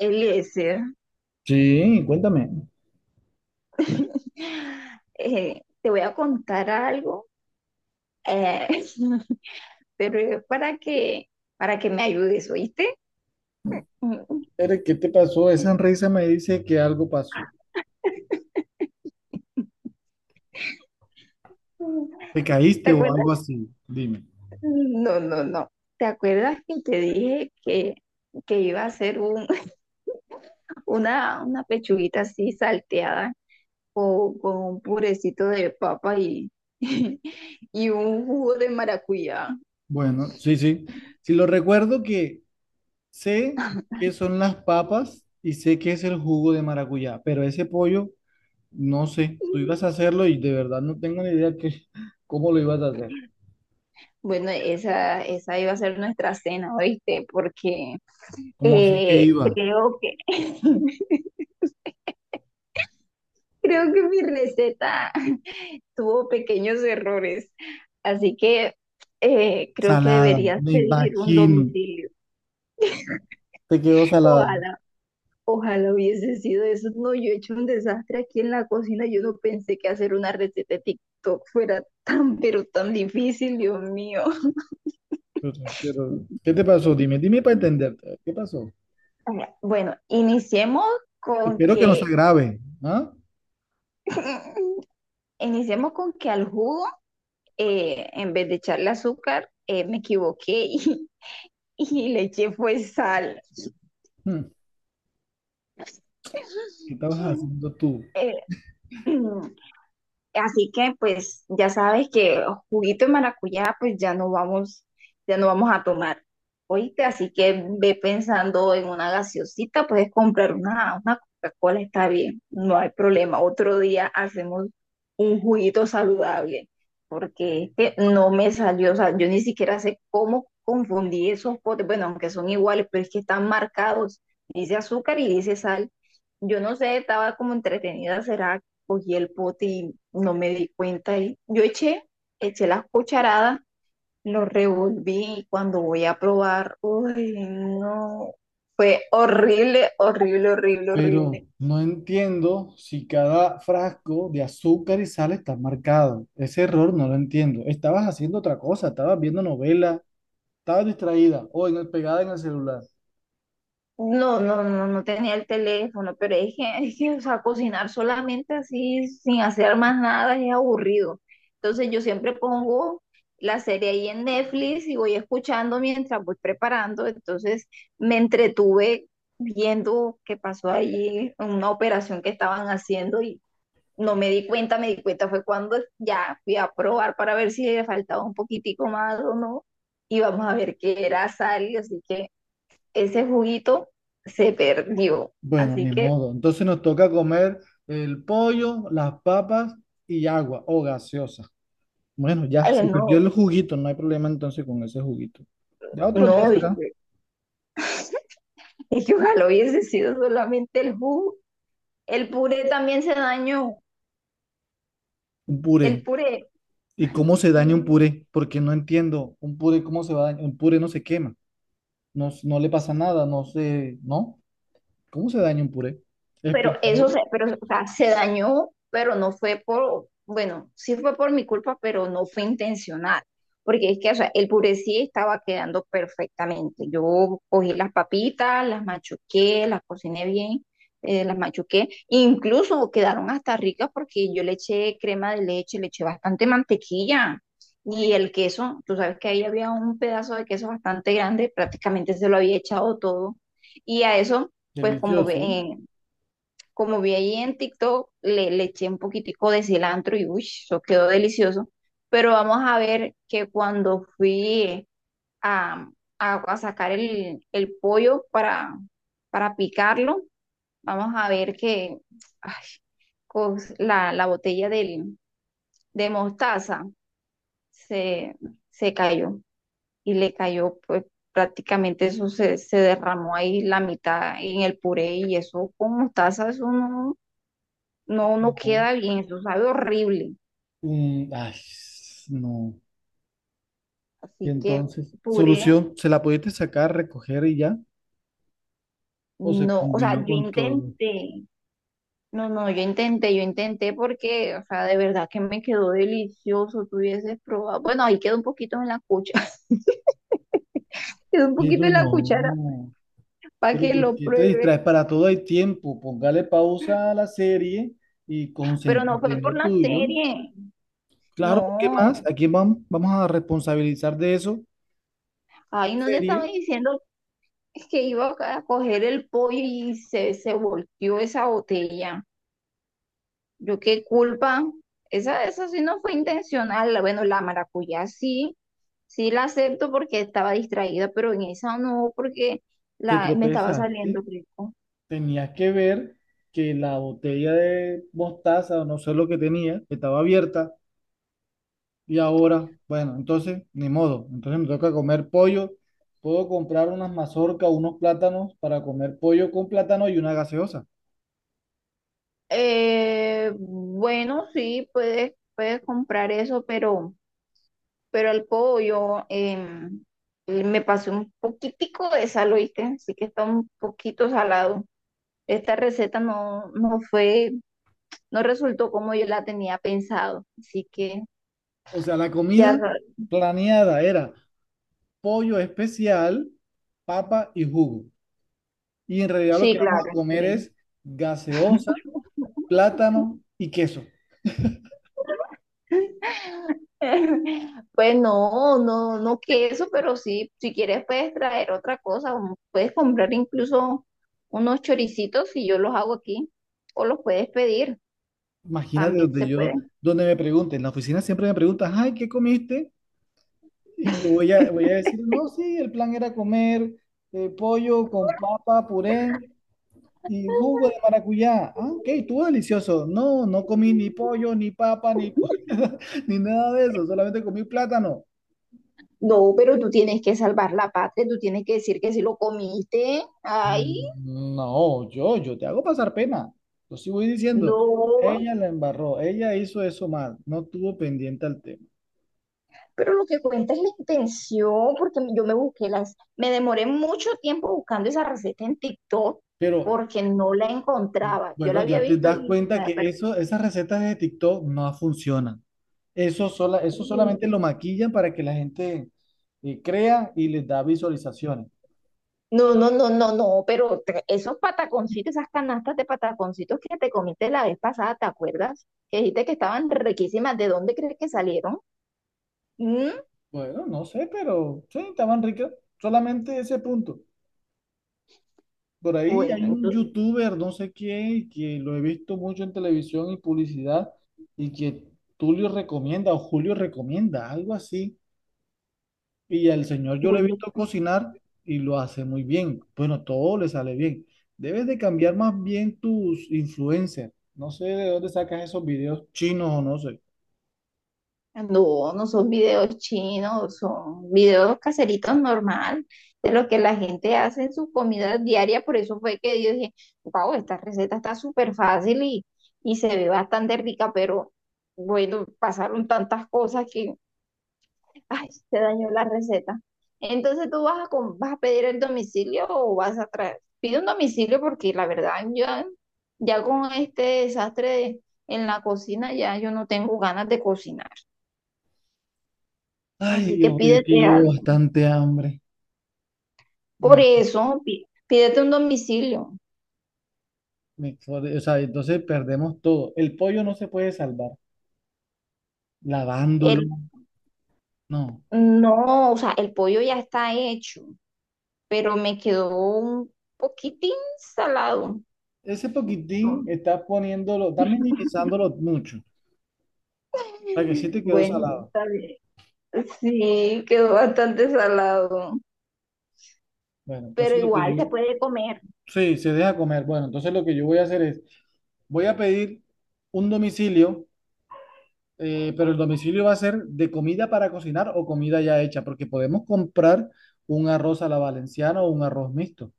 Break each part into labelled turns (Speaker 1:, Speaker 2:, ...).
Speaker 1: Eliezer,
Speaker 2: Sí, cuéntame.
Speaker 1: te voy a contar algo, eh, pero es para que me ayudes, ¿oíste?
Speaker 2: Eric, ¿qué te pasó? Esa sonrisa me dice que algo pasó. ¿Te
Speaker 1: ¿Te
Speaker 2: caíste o
Speaker 1: acuerdas?
Speaker 2: algo así? Dime.
Speaker 1: No, no, no. ¿Te acuerdas que te dije que iba a hacer una pechuguita así salteada o con un purecito de papa y, y un jugo de maracuyá.
Speaker 2: Bueno, sí, sí. Si lo recuerdo que sé qué son las papas y sé qué es el jugo de maracuyá, pero ese pollo, no sé. Tú ibas a hacerlo y de verdad no tengo ni idea que, cómo lo ibas a hacer.
Speaker 1: Bueno, esa iba a ser nuestra cena, ¿oíste? Porque
Speaker 2: ¿Cómo sí que iba?
Speaker 1: creo que creo que mi receta tuvo pequeños errores. Así que creo que
Speaker 2: Salada,
Speaker 1: deberías
Speaker 2: me
Speaker 1: pedir un
Speaker 2: imagino.
Speaker 1: domicilio.
Speaker 2: Te quedó salada.
Speaker 1: Ojalá. Ojalá hubiese sido eso. No, yo he hecho un desastre aquí en la cocina. Yo no pensé que hacer una receta de TikTok fuera tan, pero tan difícil, Dios mío.
Speaker 2: Pero, pero, ¿qué te pasó? Dime para entenderte. ¿Qué pasó?
Speaker 1: Ajá. Bueno, con
Speaker 2: Espero que no se
Speaker 1: que,
Speaker 2: agrave, ¿ah?
Speaker 1: iniciemos con que al jugo, en vez de echarle azúcar, me equivoqué y le eché fue sal.
Speaker 2: Hmm. ¿Qué estabas haciendo tú?
Speaker 1: Eh, Así que pues ya sabes que juguito de maracuyá pues ya no ya no vamos a tomar. Oíste, así que ve pensando en una gaseosita, puedes comprar una Coca-Cola, está bien, no hay problema. Otro día hacemos un juguito saludable, porque este no me salió, o sea, yo ni siquiera sé cómo confundí esos potes, bueno, aunque son iguales, pero es que están marcados, dice azúcar y dice sal. Yo no sé, estaba como entretenida, ¿será cogí el pote y no me di cuenta y yo eché las cucharadas, lo revolví y cuando voy a probar, uy, no, fue horrible, horrible, horrible, horrible.
Speaker 2: Pero no entiendo si cada frasco de azúcar y sal está marcado. Ese error no lo entiendo. Estabas haciendo otra cosa, estabas viendo novela, estabas distraída o pegada en el celular.
Speaker 1: No, no, no, no tenía el teléfono, pero es que, o sea, cocinar solamente así, sin hacer más nada, es aburrido. Entonces yo siempre pongo la serie ahí en Netflix y voy escuchando mientras voy preparando. Entonces me entretuve viendo qué pasó allí, una operación que estaban haciendo y no me di cuenta, me di cuenta fue cuando ya fui a probar para ver si le faltaba un poquitico más o no. Y vamos a ver qué era sal, así que ese juguito se perdió.
Speaker 2: Bueno,
Speaker 1: Así
Speaker 2: ni
Speaker 1: que,
Speaker 2: modo. Entonces nos toca comer el pollo, las papas y agua o gaseosa. Bueno, ya
Speaker 1: ay,
Speaker 2: se perdió
Speaker 1: no,
Speaker 2: el juguito, no hay problema entonces con ese juguito. Ya otro día
Speaker 1: no,
Speaker 2: será
Speaker 1: viste. Y que ojalá hubiese sido solamente el jugo. El puré también se dañó.
Speaker 2: un
Speaker 1: El
Speaker 2: puré.
Speaker 1: puré.
Speaker 2: ¿Y cómo se daña un
Speaker 1: Mm,
Speaker 2: puré? Porque no entiendo. ¿Un puré cómo se va a dañar? Un puré no se quema. No, no le pasa nada. No sé. ¿No? ¿Cómo se daña un puré?
Speaker 1: Pero eso
Speaker 2: Explícamelo.
Speaker 1: se, pero, o sea, se dañó, pero no fue por, bueno, sí fue por mi culpa, pero no fue intencional. Porque es que, o sea, el puré sí estaba quedando perfectamente. Yo cogí las papitas, las machuqué, las cociné bien, las machuqué. Incluso quedaron hasta ricas porque yo le eché crema de leche, le eché bastante mantequilla. Y el queso, tú sabes que ahí había un pedazo de queso bastante grande, prácticamente se lo había echado todo. Y a eso pues como ve,
Speaker 2: Delicioso.
Speaker 1: como vi ahí en TikTok, le eché un poquitico de cilantro y uy, eso quedó delicioso. Pero vamos a ver que cuando fui a, a sacar el pollo para picarlo, vamos a ver que ay, la botella de mostaza se, se cayó y le cayó, pues prácticamente eso se derramó ahí la mitad en el puré y eso con mostaza, eso no. No, no
Speaker 2: No.
Speaker 1: queda bien, eso sabe horrible.
Speaker 2: Mm, ay, no.
Speaker 1: Así
Speaker 2: Y
Speaker 1: que
Speaker 2: entonces,
Speaker 1: puré,
Speaker 2: solución, ¿se la pudiste sacar, recoger y ya? ¿O se
Speaker 1: no, o sea, yo
Speaker 2: combinó con todo?
Speaker 1: intenté, no, no, yo intenté porque, o sea, de verdad que me quedó delicioso, tú hubieses probado. Bueno, ahí quedó un poquito en la cuchara. quedó un poquito
Speaker 2: Pero
Speaker 1: en la cuchara
Speaker 2: no.
Speaker 1: para
Speaker 2: Pero
Speaker 1: que
Speaker 2: ¿por
Speaker 1: lo
Speaker 2: qué te
Speaker 1: pruebe,
Speaker 2: distraes? Para todo hay tiempo. Póngale pausa a la serie y
Speaker 1: pero no fue
Speaker 2: concéntrate en
Speaker 1: por
Speaker 2: lo
Speaker 1: la
Speaker 2: tuyo.
Speaker 1: serie,
Speaker 2: Claro, ¿qué
Speaker 1: no,
Speaker 2: más? ¿A quién vamos a responsabilizar de eso?
Speaker 1: ahí
Speaker 2: La
Speaker 1: no te estaba
Speaker 2: serie,
Speaker 1: diciendo que iba a coger el pollo y se volteó esa botella. Yo qué culpa. Esa sí no fue intencional. Bueno, la maracuyá sí, sí la acepto porque estaba distraída, pero en esa no, porque
Speaker 2: te
Speaker 1: me estaba
Speaker 2: tropezaste,
Speaker 1: saliendo rico.
Speaker 2: tenías que ver que la botella de mostaza o no sé lo que tenía estaba abierta y ahora, bueno, entonces ni modo, entonces me toca comer pollo, puedo comprar unas mazorcas, unos plátanos para comer pollo con plátano y una gaseosa.
Speaker 1: Bueno, sí, puedes comprar eso, pero el pollo me pasé un poquitico de sal, ¿oíste? Así que está un poquito salado. Esta receta no fue, no resultó como yo la tenía pensado. Así que
Speaker 2: O sea, la
Speaker 1: ya,
Speaker 2: comida planeada era pollo especial, papa y jugo. Y en realidad lo
Speaker 1: sí,
Speaker 2: que vamos
Speaker 1: claro,
Speaker 2: a comer
Speaker 1: sí.
Speaker 2: es gaseosa, plátano y queso.
Speaker 1: Pues no, no, no queso, pero sí, si quieres puedes traer otra cosa, o puedes comprar incluso unos choricitos y yo los hago aquí, o los puedes pedir,
Speaker 2: Imagínate
Speaker 1: también
Speaker 2: donde
Speaker 1: se
Speaker 2: yo,
Speaker 1: pueden.
Speaker 2: donde me pregunten, en la oficina siempre me preguntan, ay, ¿qué comiste? Y yo voy a decir, no, sí, el plan era comer pollo con papa, puré y jugo de maracuyá. Ah, ok, estuvo delicioso. No, no comí ni pollo, ni papa, ni, ni nada de eso, solamente comí plátano.
Speaker 1: No, pero tú tienes que salvar la patria, tú tienes que decir que sí lo comiste. Ay,
Speaker 2: "Mm, no, yo te hago pasar pena. Yo sí voy diciendo,
Speaker 1: no.
Speaker 2: ella la embarró, ella hizo eso mal, no tuvo pendiente al tema.
Speaker 1: Pero lo que cuenta es la intención, porque yo me busqué las, me demoré mucho tiempo buscando esa receta en TikTok
Speaker 2: Pero
Speaker 1: porque no la encontraba. Yo la
Speaker 2: bueno,
Speaker 1: había
Speaker 2: ya te
Speaker 1: visto
Speaker 2: das
Speaker 1: y
Speaker 2: cuenta
Speaker 1: me la
Speaker 2: que
Speaker 1: perdí.
Speaker 2: eso, esas recetas de TikTok no funcionan. Eso, eso solamente lo maquillan para que la gente crea y les da visualizaciones.
Speaker 1: No, no, no, no, no, pero esos pataconcitos, esas canastas de pataconcitos que te comiste la vez pasada, ¿te acuerdas? Que dijiste que estaban riquísimas. ¿De dónde crees que salieron? Mm.
Speaker 2: Bueno, no sé, pero sí, estaban ricas. Solamente ese punto. Por ahí
Speaker 1: Bueno,
Speaker 2: hay un
Speaker 1: entonces,
Speaker 2: youtuber, no sé quién, que lo he visto mucho en televisión y publicidad, y que Tulio recomienda o Julio recomienda, algo así. Y al señor yo lo he visto cocinar y lo hace muy bien. Bueno, todo le sale bien. Debes de cambiar más bien tus influencers. No sé de dónde sacas esos videos chinos o no sé.
Speaker 1: no, no son videos chinos, son videos caseritos normal, de lo que la gente hace en sus comidas diarias. Por eso fue que yo dije, wow, esta receta está súper fácil y se ve bastante rica, pero bueno, pasaron tantas cosas que, ay, se dañó la receta. Entonces tú vas vas a pedir el domicilio o vas a traer, pide un domicilio porque la verdad yo ya con este desastre en la cocina ya yo no tengo ganas de cocinar.
Speaker 2: Ay,
Speaker 1: Así que
Speaker 2: Dios, yo que
Speaker 1: pídete
Speaker 2: llevo
Speaker 1: algo.
Speaker 2: bastante hambre.
Speaker 1: Por
Speaker 2: Me-
Speaker 1: eso, pídete un domicilio.
Speaker 2: me- o sea, entonces perdemos todo. El pollo no se puede salvar. Lavándolo,
Speaker 1: El,
Speaker 2: no.
Speaker 1: no, o sea, el pollo ya está hecho, pero me quedó un poquitín salado.
Speaker 2: Ese poquitín estás poniéndolo, estás minimizándolo mucho. Para que sí te quedó
Speaker 1: Bueno,
Speaker 2: salado.
Speaker 1: está bien. Sí, quedó bastante salado,
Speaker 2: Bueno, entonces
Speaker 1: pero
Speaker 2: lo que
Speaker 1: igual
Speaker 2: yo...
Speaker 1: se puede comer.
Speaker 2: Sí, se deja comer. Bueno, entonces lo que yo voy a hacer es... Voy a pedir un domicilio, pero el domicilio va a ser de comida para cocinar o comida ya hecha, porque podemos comprar un arroz a la valenciana o un arroz mixto.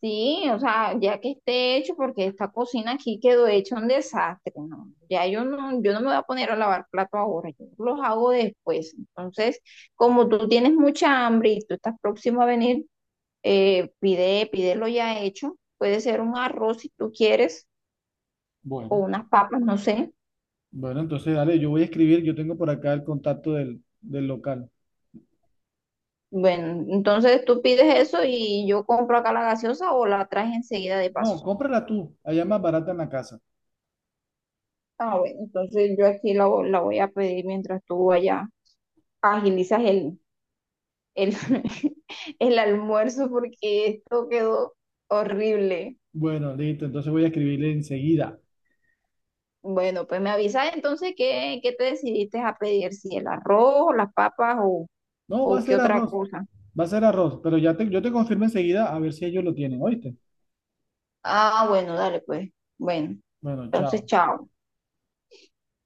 Speaker 1: Sí, o sea, ya que esté hecho, porque esta cocina aquí quedó hecha un desastre, ¿no? Ya yo no, yo no me voy a poner a lavar plato ahora, yo los hago después. Entonces, como tú tienes mucha hambre y tú estás próximo a venir, pide, pídelo ya hecho. Puede ser un arroz si tú quieres, o
Speaker 2: Bueno,
Speaker 1: unas papas, no sé.
Speaker 2: bueno, entonces dale, yo voy a escribir, yo tengo por acá el contacto del local.
Speaker 1: Bueno, entonces tú pides eso y yo compro acá la gaseosa o la traes enseguida de
Speaker 2: No,
Speaker 1: paso.
Speaker 2: cómprala tú, allá es más barata en la casa.
Speaker 1: Ah, bueno, entonces yo aquí la voy a pedir mientras tú allá agilizas el, el almuerzo porque esto quedó horrible.
Speaker 2: Bueno, listo, entonces voy a escribirle enseguida.
Speaker 1: Bueno, pues me avisas entonces qué te decidiste a pedir, si el arroz, las papas
Speaker 2: No,
Speaker 1: o qué otra cosa.
Speaker 2: va a ser arroz, pero ya te, yo te confirmo enseguida a ver si ellos lo tienen, ¿oíste?
Speaker 1: Ah, bueno, dale pues. Bueno,
Speaker 2: Bueno,
Speaker 1: entonces
Speaker 2: chao.
Speaker 1: chao.